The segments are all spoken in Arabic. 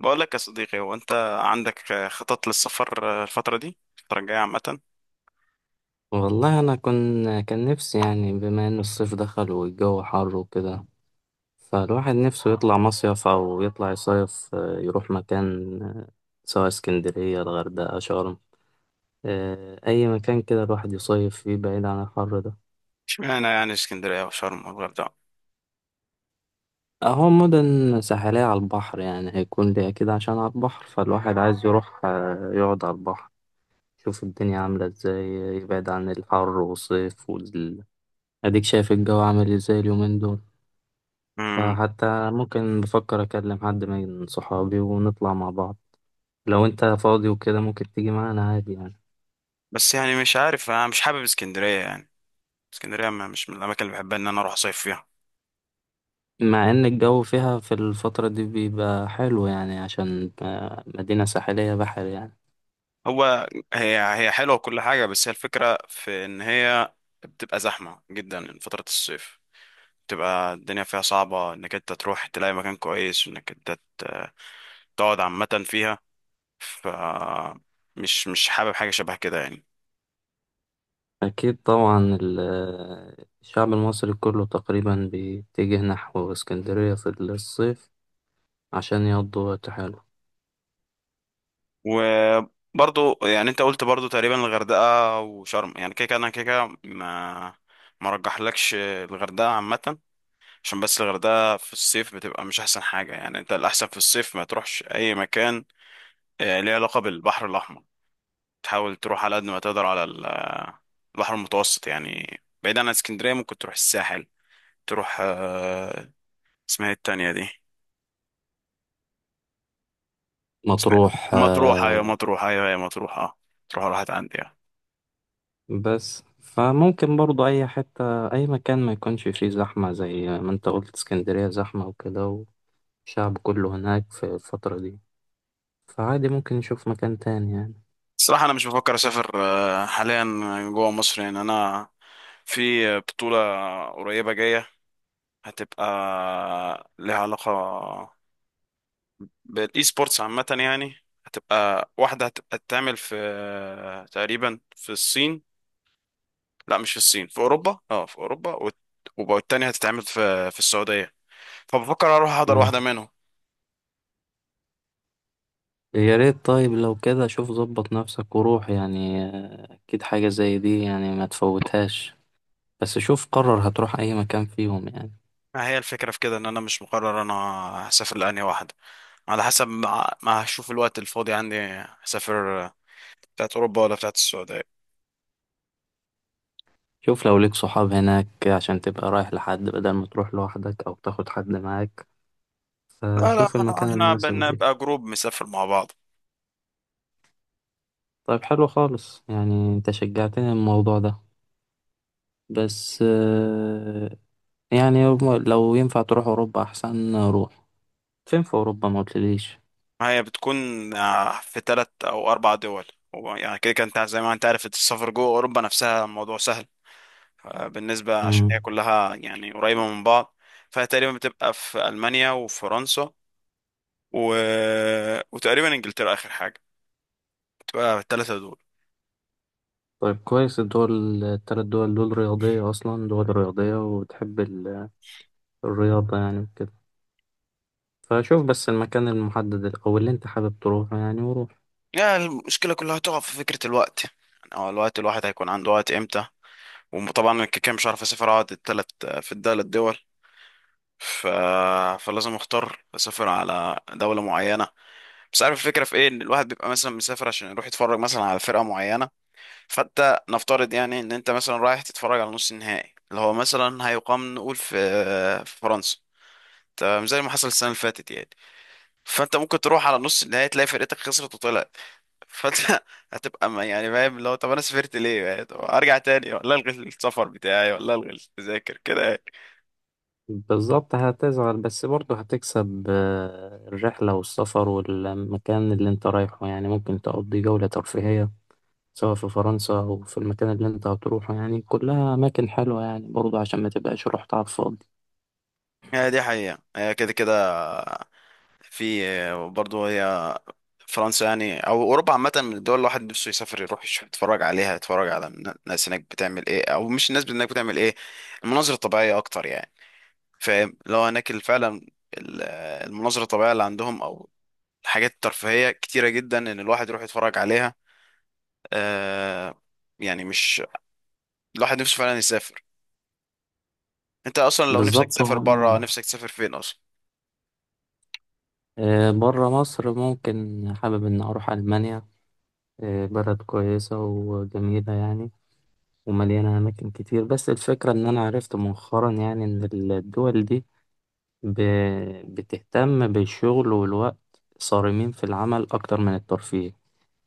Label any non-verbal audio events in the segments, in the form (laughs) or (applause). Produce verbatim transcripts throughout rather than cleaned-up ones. بقول لك يا صديقي، هو انت عندك خطط للسفر الفترة دي الفترة الجاية عامة؟ والله انا كن كان نفسي، يعني بما ان الصيف دخل والجو حر وكده، فالواحد نفسه يطلع مصيف او يطلع يصيف، آه، يروح مكان. آه، سواء اسكندرية، الغردقة، شرم، آه، اي مكان كده الواحد يصيف فيه بعيد عن الحر ده. اشمعنى يعني اسكندرية وشرم والغردقة؟ اهو مدن ساحلية على البحر، يعني هيكون ليه كده عشان على البحر، فالواحد عايز يروح آه، يقعد على البحر، يشوف الدنيا عاملة ازاي، يبعد عن الحر والصيف وال... اديك شايف الجو عامل ازاي اليومين دول. امم. فحتى ممكن، بفكر أكلم حد من صحابي ونطلع مع بعض. لو أنت فاضي وكده ممكن تيجي معانا عادي يعني. بس يعني مش عارف، انا مش حابب اسكندرية يعني. اسكندرية ما- مش من الاماكن اللي بحبها ان انا اروح اصيف فيها. مع إن الجو فيها في الفترة دي بيبقى حلو، يعني عشان آه، مدينة ساحلية، بحر يعني. هو هي هي حلوة وكل حاجة، بس هي الفكرة في إن هي بتبقى زحمة جدا فترة الصيف. بتبقى الدنيا فيها صعبة إنك أنت تروح تلاقي مكان كويس، وإنك أنت ت- تقعد عامة فيها. ف مش مش حابب حاجة شبه كده يعني. أكيد طبعا ال- آه، الشعب المصري كله تقريبا بيتجه نحو اسكندرية في الصيف عشان يقضوا وقت حلو. وبرضو يعني أنت قلت برضو تقريبا الغردقة وشرم، يعني كده كده أنا كده كده ما ما رجحلكش الغردقة عامة. عشان بس الغردقة في الصيف بتبقى مش أحسن حاجة، يعني أنت الأحسن في الصيف ما تروحش أي مكان آه، ليه علاقة بالبحر الأحمر. تحاول تروح على قد ما تقدر على ال- آه، البحر المتوسط، يعني بعيد عن اسكندرية ممكن تروح الساحل. تروح آه، اسمها إيه التانية دي؟ اسمها مطروح إيه؟ مطروح، أيوة آه، مطروح، أيوة هي مطروح، أه. تروح راحت عندي، آه. بس فممكن برضو أي حتة، أي مكان ما يكونش فيه زحمة زي ما أنت قلت اسكندرية زحمة وكده، والشعب كله هناك في الفترة دي. فعادي ممكن نشوف مكان تاني يعني. الصراحة أنا مش بفكر أسافر آه، حاليا جوا مصر، يعني أنا في بطولة قريبة جاية هتبقى لها علاقة بالاي سبورتس عامة يعني. هتبقى واحدة هتبقى تعمل في آه، تقريبا في الصين. لا مش في الصين، في اوروبا، اه في اوروبا، والت- وب- والتانية هتتعمل في في السعودية. فبفكر اروح احضر مم. واحدة منهم. يا ريت، طيب لو كده شوف ظبط نفسك وروح يعني، آه، أكيد حاجة زي دي يعني ما تفوتهاش. بس شوف قرر هتروح أي مكان فيهم يعني. ما هي الفكرة في كده ان انا مش مقرر انا هسافر، لأني واحدة على حسب ما ما هشوف الوقت الفاضي عندي هسافر بتاعت اوروبا ولا بتاعت السعودية. شوف لو ليك صحاب هناك عشان تبقى رايح لحد، بدل ما تروح لوحدك أو تاخد حد معاك. لا لا، فشوف المكان احنا المناسب بنبقى ليك. جروب مسافر مع بعض. طيب حلو خالص، يعني انت شجعتني الموضوع ده. بس آه، يعني لو ينفع تروح اوروبا احسن روح. فين في اوروبا؟ ما قلتليش. ما هي بتكون آه، في تلات او اربع دول. هو يعني كده كده انت زي ما انت عارف السفر جوه اوروبا نفسها موضوع سهل آه، بالنسبة، عشان هي امم. كلها يعني قريبة من بعض. فهي تقريبا بتبقى في ألمانيا وفرنسا و... وتقريبا إنجلترا آخر حاجة، بتبقى الثلاثة دول. طيب كويس، الدول التلات دول دول رياضية اصلا، دول رياضية وتحب ال- الرياضة يعني وكده. فشوف بس المكان المحدد او اللي انت حابب تروحه يعني وروح. يعني المشكلة كلها تقع في فكرة الوقت، يعني هو الوقت الواحد هيكون عنده وقت إمتى. وطبعا أنا كده كده مش عارف أسافر أقعد التلات في الثلاث دول، ف... فلازم أختار أسافر على دولة معينة. بس عارف الفكرة في إيه؟ إن الواحد بيبقى مثلا مسافر عشان يروح يتفرج مثلا على فرقة معينة. فانت نفترض يعني ان انت مثلا رايح تتفرج على نص النهائي اللي هو مثلا هيقام، نقول في في فرنسا، تمام زي ما حصل السنه اللي فاتت يعني. فانت ممكن تروح على نص النهائي تلاقي فرقتك خسرت وطلعت. فانت (laughs) هتبقى ما- يعني فاهم، اللي هو طب انا سافرت ليه يعني؟ طب ارجع تاني، ولا الغي السفر بتاعي، ولا الغي التذاكر كده يعني. بالظبط هتزعل، بس برضه هتكسب آه، الرحلة والسفر والمكان اللي انت رايحه، يعني ممكن تقضي جولة ترفيهية سواء في فرنسا أو في المكان اللي أنت هتروحه. يعني كلها أماكن حلوة يعني برضه، عشان ما تبقاش رحت على الفاضي. هي دي حقيقه، هي كده كده في برضه، هي فرنسا يعني او اوروبا عامه من الدول اللي الواحد نفسه يسافر يروح يشوف يتفرج عليها، يتفرج على الناس هناك بتعمل ايه، او مش الناس هناك بتعمل ايه، المناظر الطبيعيه اكتر يعني. فاهم؟ لو هناك ال- فعلا ال- المناظر الطبيعيه اللي عندهم او الحاجات الترفيهيه كتيره جدا ان الواحد يروح يتفرج عليها، آه يعني مش، الواحد نفسه فعلا يسافر. انت اصلا لو نفسك بالظبط. تسافر بره، هم، نفسك تسافر فين اصلا؟ بره مصر ممكن حابب إن أروح ألمانيا. آه، بلد كويسة وجميلة يعني، ومليانة أماكن كتير. بس الفكرة إن أنا عرفت مؤخرا يعني إن الدول دي ب- بتهتم بالشغل والوقت، صارمين في العمل أكتر من الترفيه.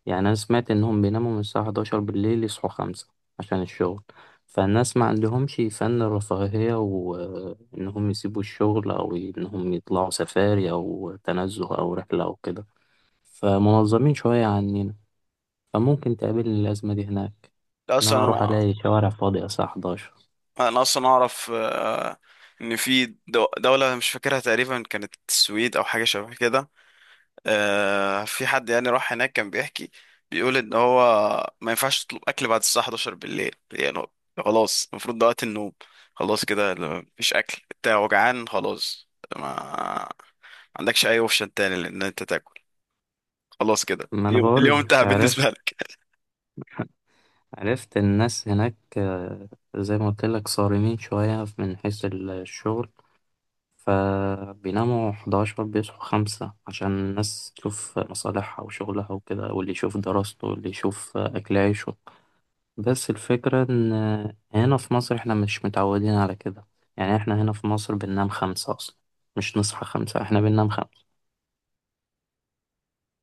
يعني أنا سمعت إنهم بيناموا من الساعة الحادية عشرة بالليل، يصحوا خمسة عشان الشغل. فالناس ما عندهمش فن الرفاهية وإنهم يسيبوا الشغل أو إنهم يطلعوا سفاري أو تنزه أو رحلة أو كده. فمنظمين شوية عننا. فممكن تقابلني الأزمة دي هناك، لا إن اصلا أنا أروح انا. ألاقي شوارع فاضية الساعة احدعشر. انا اصلا اعرف آه ان في دو- دوله مش فاكرها تقريبا كانت السويد او حاجه شبه كده. آه، في حد يعني راح هناك كان بيحكي، بيقول ان هو ما ينفعش تطلب اكل بعد الساعه حداشر بالليل، يعني هو- خلاص المفروض ده وقت النوم. خلاص كده لو مفيش اكل انت وجعان، خلاص ما عندكش اي اوبشن تاني لان انت تاكل، خلاص كده ما أنا اليوم بقول اليوم لك، انتهى بالنسبه عرفت. لك. (laughs) عرفت الناس هناك، آه، زي ما قلت لك صارمين شوية من حيث الشغل. فبيناموا احدعشر بيصحوا خمسة عشان الناس تشوف مصالحها وشغلها وكده، واللي يشوف دراسته واللي يشوف أكل عيشه. بس الفكرة إن هنا في مصر إحنا مش متعودين على كده. يعني إحنا هنا في مصر بننام خمسة أصلا، مش نصحى خمسة، إحنا بننام خمسة.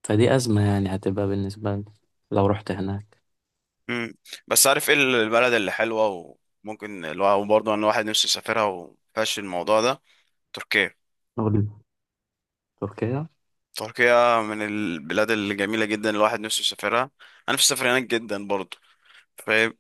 فدي أزمة يعني هتبقى بالنسبة لي لو رحت هناك. (laughs) مم. بس عارف ايه البلد اللي حلوه وممكن الواحد برضه ان الواحد نفسه يسافرها ومفيهاش الموضوع ده؟ تركيا. نقول تركيا. تركيا من البلاد الجميله جدا، الواحد نفسه يسافرها، انا نفسي اسافر هناك جدا برضه، فاهم؟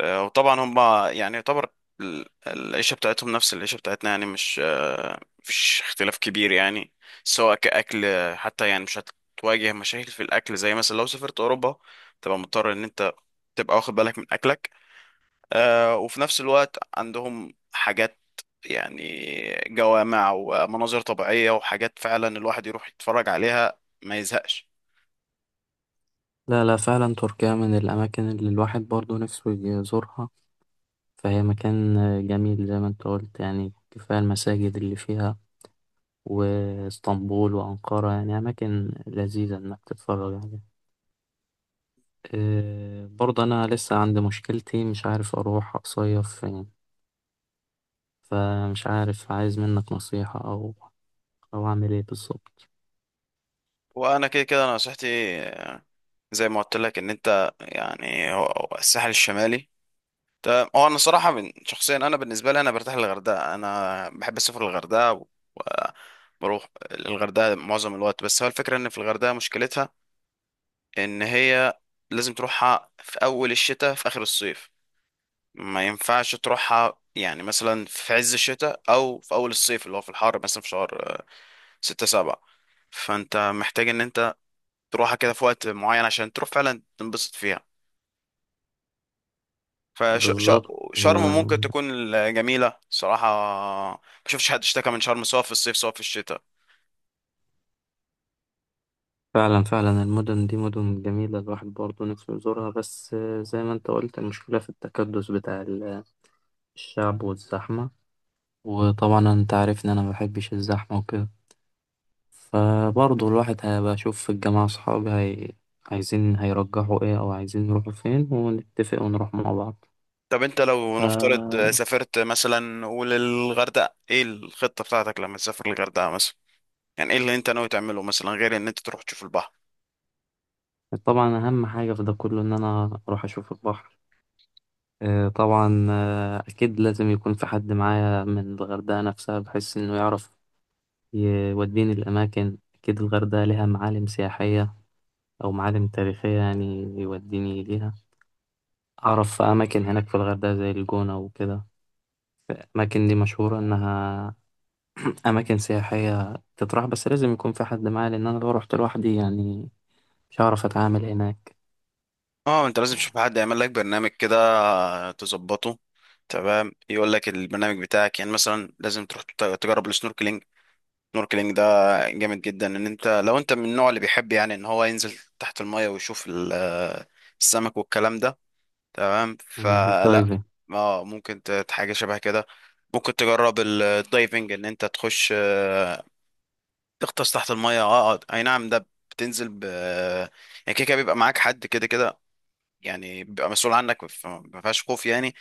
آه، وطبعا هم يعني يعتبر ال- العيشة بتاعتهم نفس العيشة بتاعتنا، يعني مش آه، مفيش اختلاف كبير يعني. سواء كأكل آه، حتى يعني مش هتواجه مشاكل في الأكل زي مثلا لو سافرت أوروبا تبقى مضطر إن أنت تبقى واخد بالك من أكلك. آه، وفي نفس الوقت عندهم حاجات يعني جوامع ومناظر طبيعية وحاجات فعلا الواحد يروح يتفرج عليها ما يزهقش. لا لا، فعلا تركيا من الأماكن اللي الواحد برضه نفسه يزورها. فهي مكان جميل زي ما أنت قلت يعني، كفاية المساجد اللي فيها، واسطنبول وأنقرة، يعني أماكن لذيذة إنك تتفرج عليها. آه، برضه أنا لسه عندي مشكلتي، مش عارف أروح أصيف فين. فمش عارف، عايز منك نصيحة أو أو أعمل إيه بالظبط. وأنا كده كده نصيحتي زي ما قلت لك ان انت يعني هو هو الساحل الشمالي. تمام، هو انا صراحه من شخصيا، انا بالنسبه لي انا برتاح للغردقه، انا بحب اسافر الغردقه وبروح الغردقه معظم الوقت. بس هو الفكره ان في الغردقه مشكلتها ان هي لازم تروحها في اول الشتاء في اخر الصيف. ما ينفعش تروحها يعني مثلا في عز الشتاء او في اول الصيف اللي هو في الحر، مثلا في شهر ستة سبعة. فانت محتاج ان انت تروحها كده في وقت معين عشان تروح فعلا تنبسط فيها. بالظبط فشرم ممكن آه، تكون جميلة صراحة، ما شفتش حد اشتكى من شرم سواء في الصيف سواء في الشتاء. فعلا فعلا المدن دي مدن جميلة الواحد برضه نفسه يزورها. بس آه، زي ما أنت قلت المشكلة في التكدس بتاع ال- الشعب والزحمة. وطبعا أنت عارف إن أنا مبحبش الزحمة وكده. فبرضه الواحد هيبقى أشوف في الجامعة أصحابي هي... عايزين هيرجحوا إيه أو عايزين يروحوا فين ونتفق ونروح مع بعض. طب انت لو نفترض سافرت مثلا قول الغردقة، ايه الخطة بتاعتك لما تسافر الغردقة مثلا؟ يعني ايه اللي انت ناوي تعمله مثلا غير ان انت تروح تشوف البحر؟ فطبعا أهم حاجة في ده كله إن أنا أروح أشوف البحر. آه، طبعا آه، أكيد لازم يكون في حد معايا من الغردقة نفسها بحيث إنه يعرف يوديني الأماكن. أكيد الغردقة ليها معالم سياحية أو معالم تاريخية يعني يوديني ليها. أعرف في أماكن هناك في الغردقة زي الجونة وكده، الأماكن دي مشهورة إنها أماكن سياحية تطرح. بس لازم يكون في حد معايا لأن أنا لو رحت لوحدي يعني مش هعرف أتعامل هناك. اه انت لازم تشوف حد يعمل لك برنامج كده، تظبطه، تمام يقول لك البرنامج بتاعك، يعني مثلا لازم تروح تت- تجرب السنوركلينج. السنوركلينج ده جامد جدا، ان انت لو انت من النوع اللي بيحب يعني ان هو ينزل تحت المية ويشوف ال- آه، السمك والكلام ده. تمام مم، فلا، بالدايفنج. اه ممكن ت- حاجة شبه كده، ممكن تجرب ال- الدايفنج ان انت تخش، آه، تغطس تحت المية، اه آه، اي نعم. ده بتنزل ب يعني كده كده بيبقى معاك حد كده كده يعني، بيبقى مسؤول عنك فما فيهاش خوف يعني.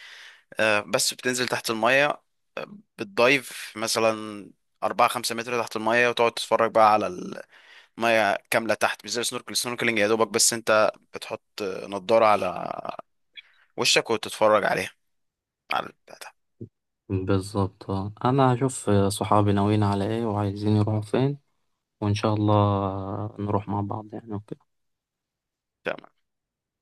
آه، بس بتنزل تحت المية، آه، بتدايف مثلا أربعة خمسة متر تحت المية وتقعد تتفرج بقى على ميه كامله تحت، مش زي السنوركل السنوركلينج. يا دوبك بس انت بتحط نضاره على وشك وتتفرج عليها، على البتاع بالظبط آه. أنا هشوف صحابي ناويين على إيه وعايزين يروحوا فين، وإن شاء الله نروح مع بعض يعني وكده. ده.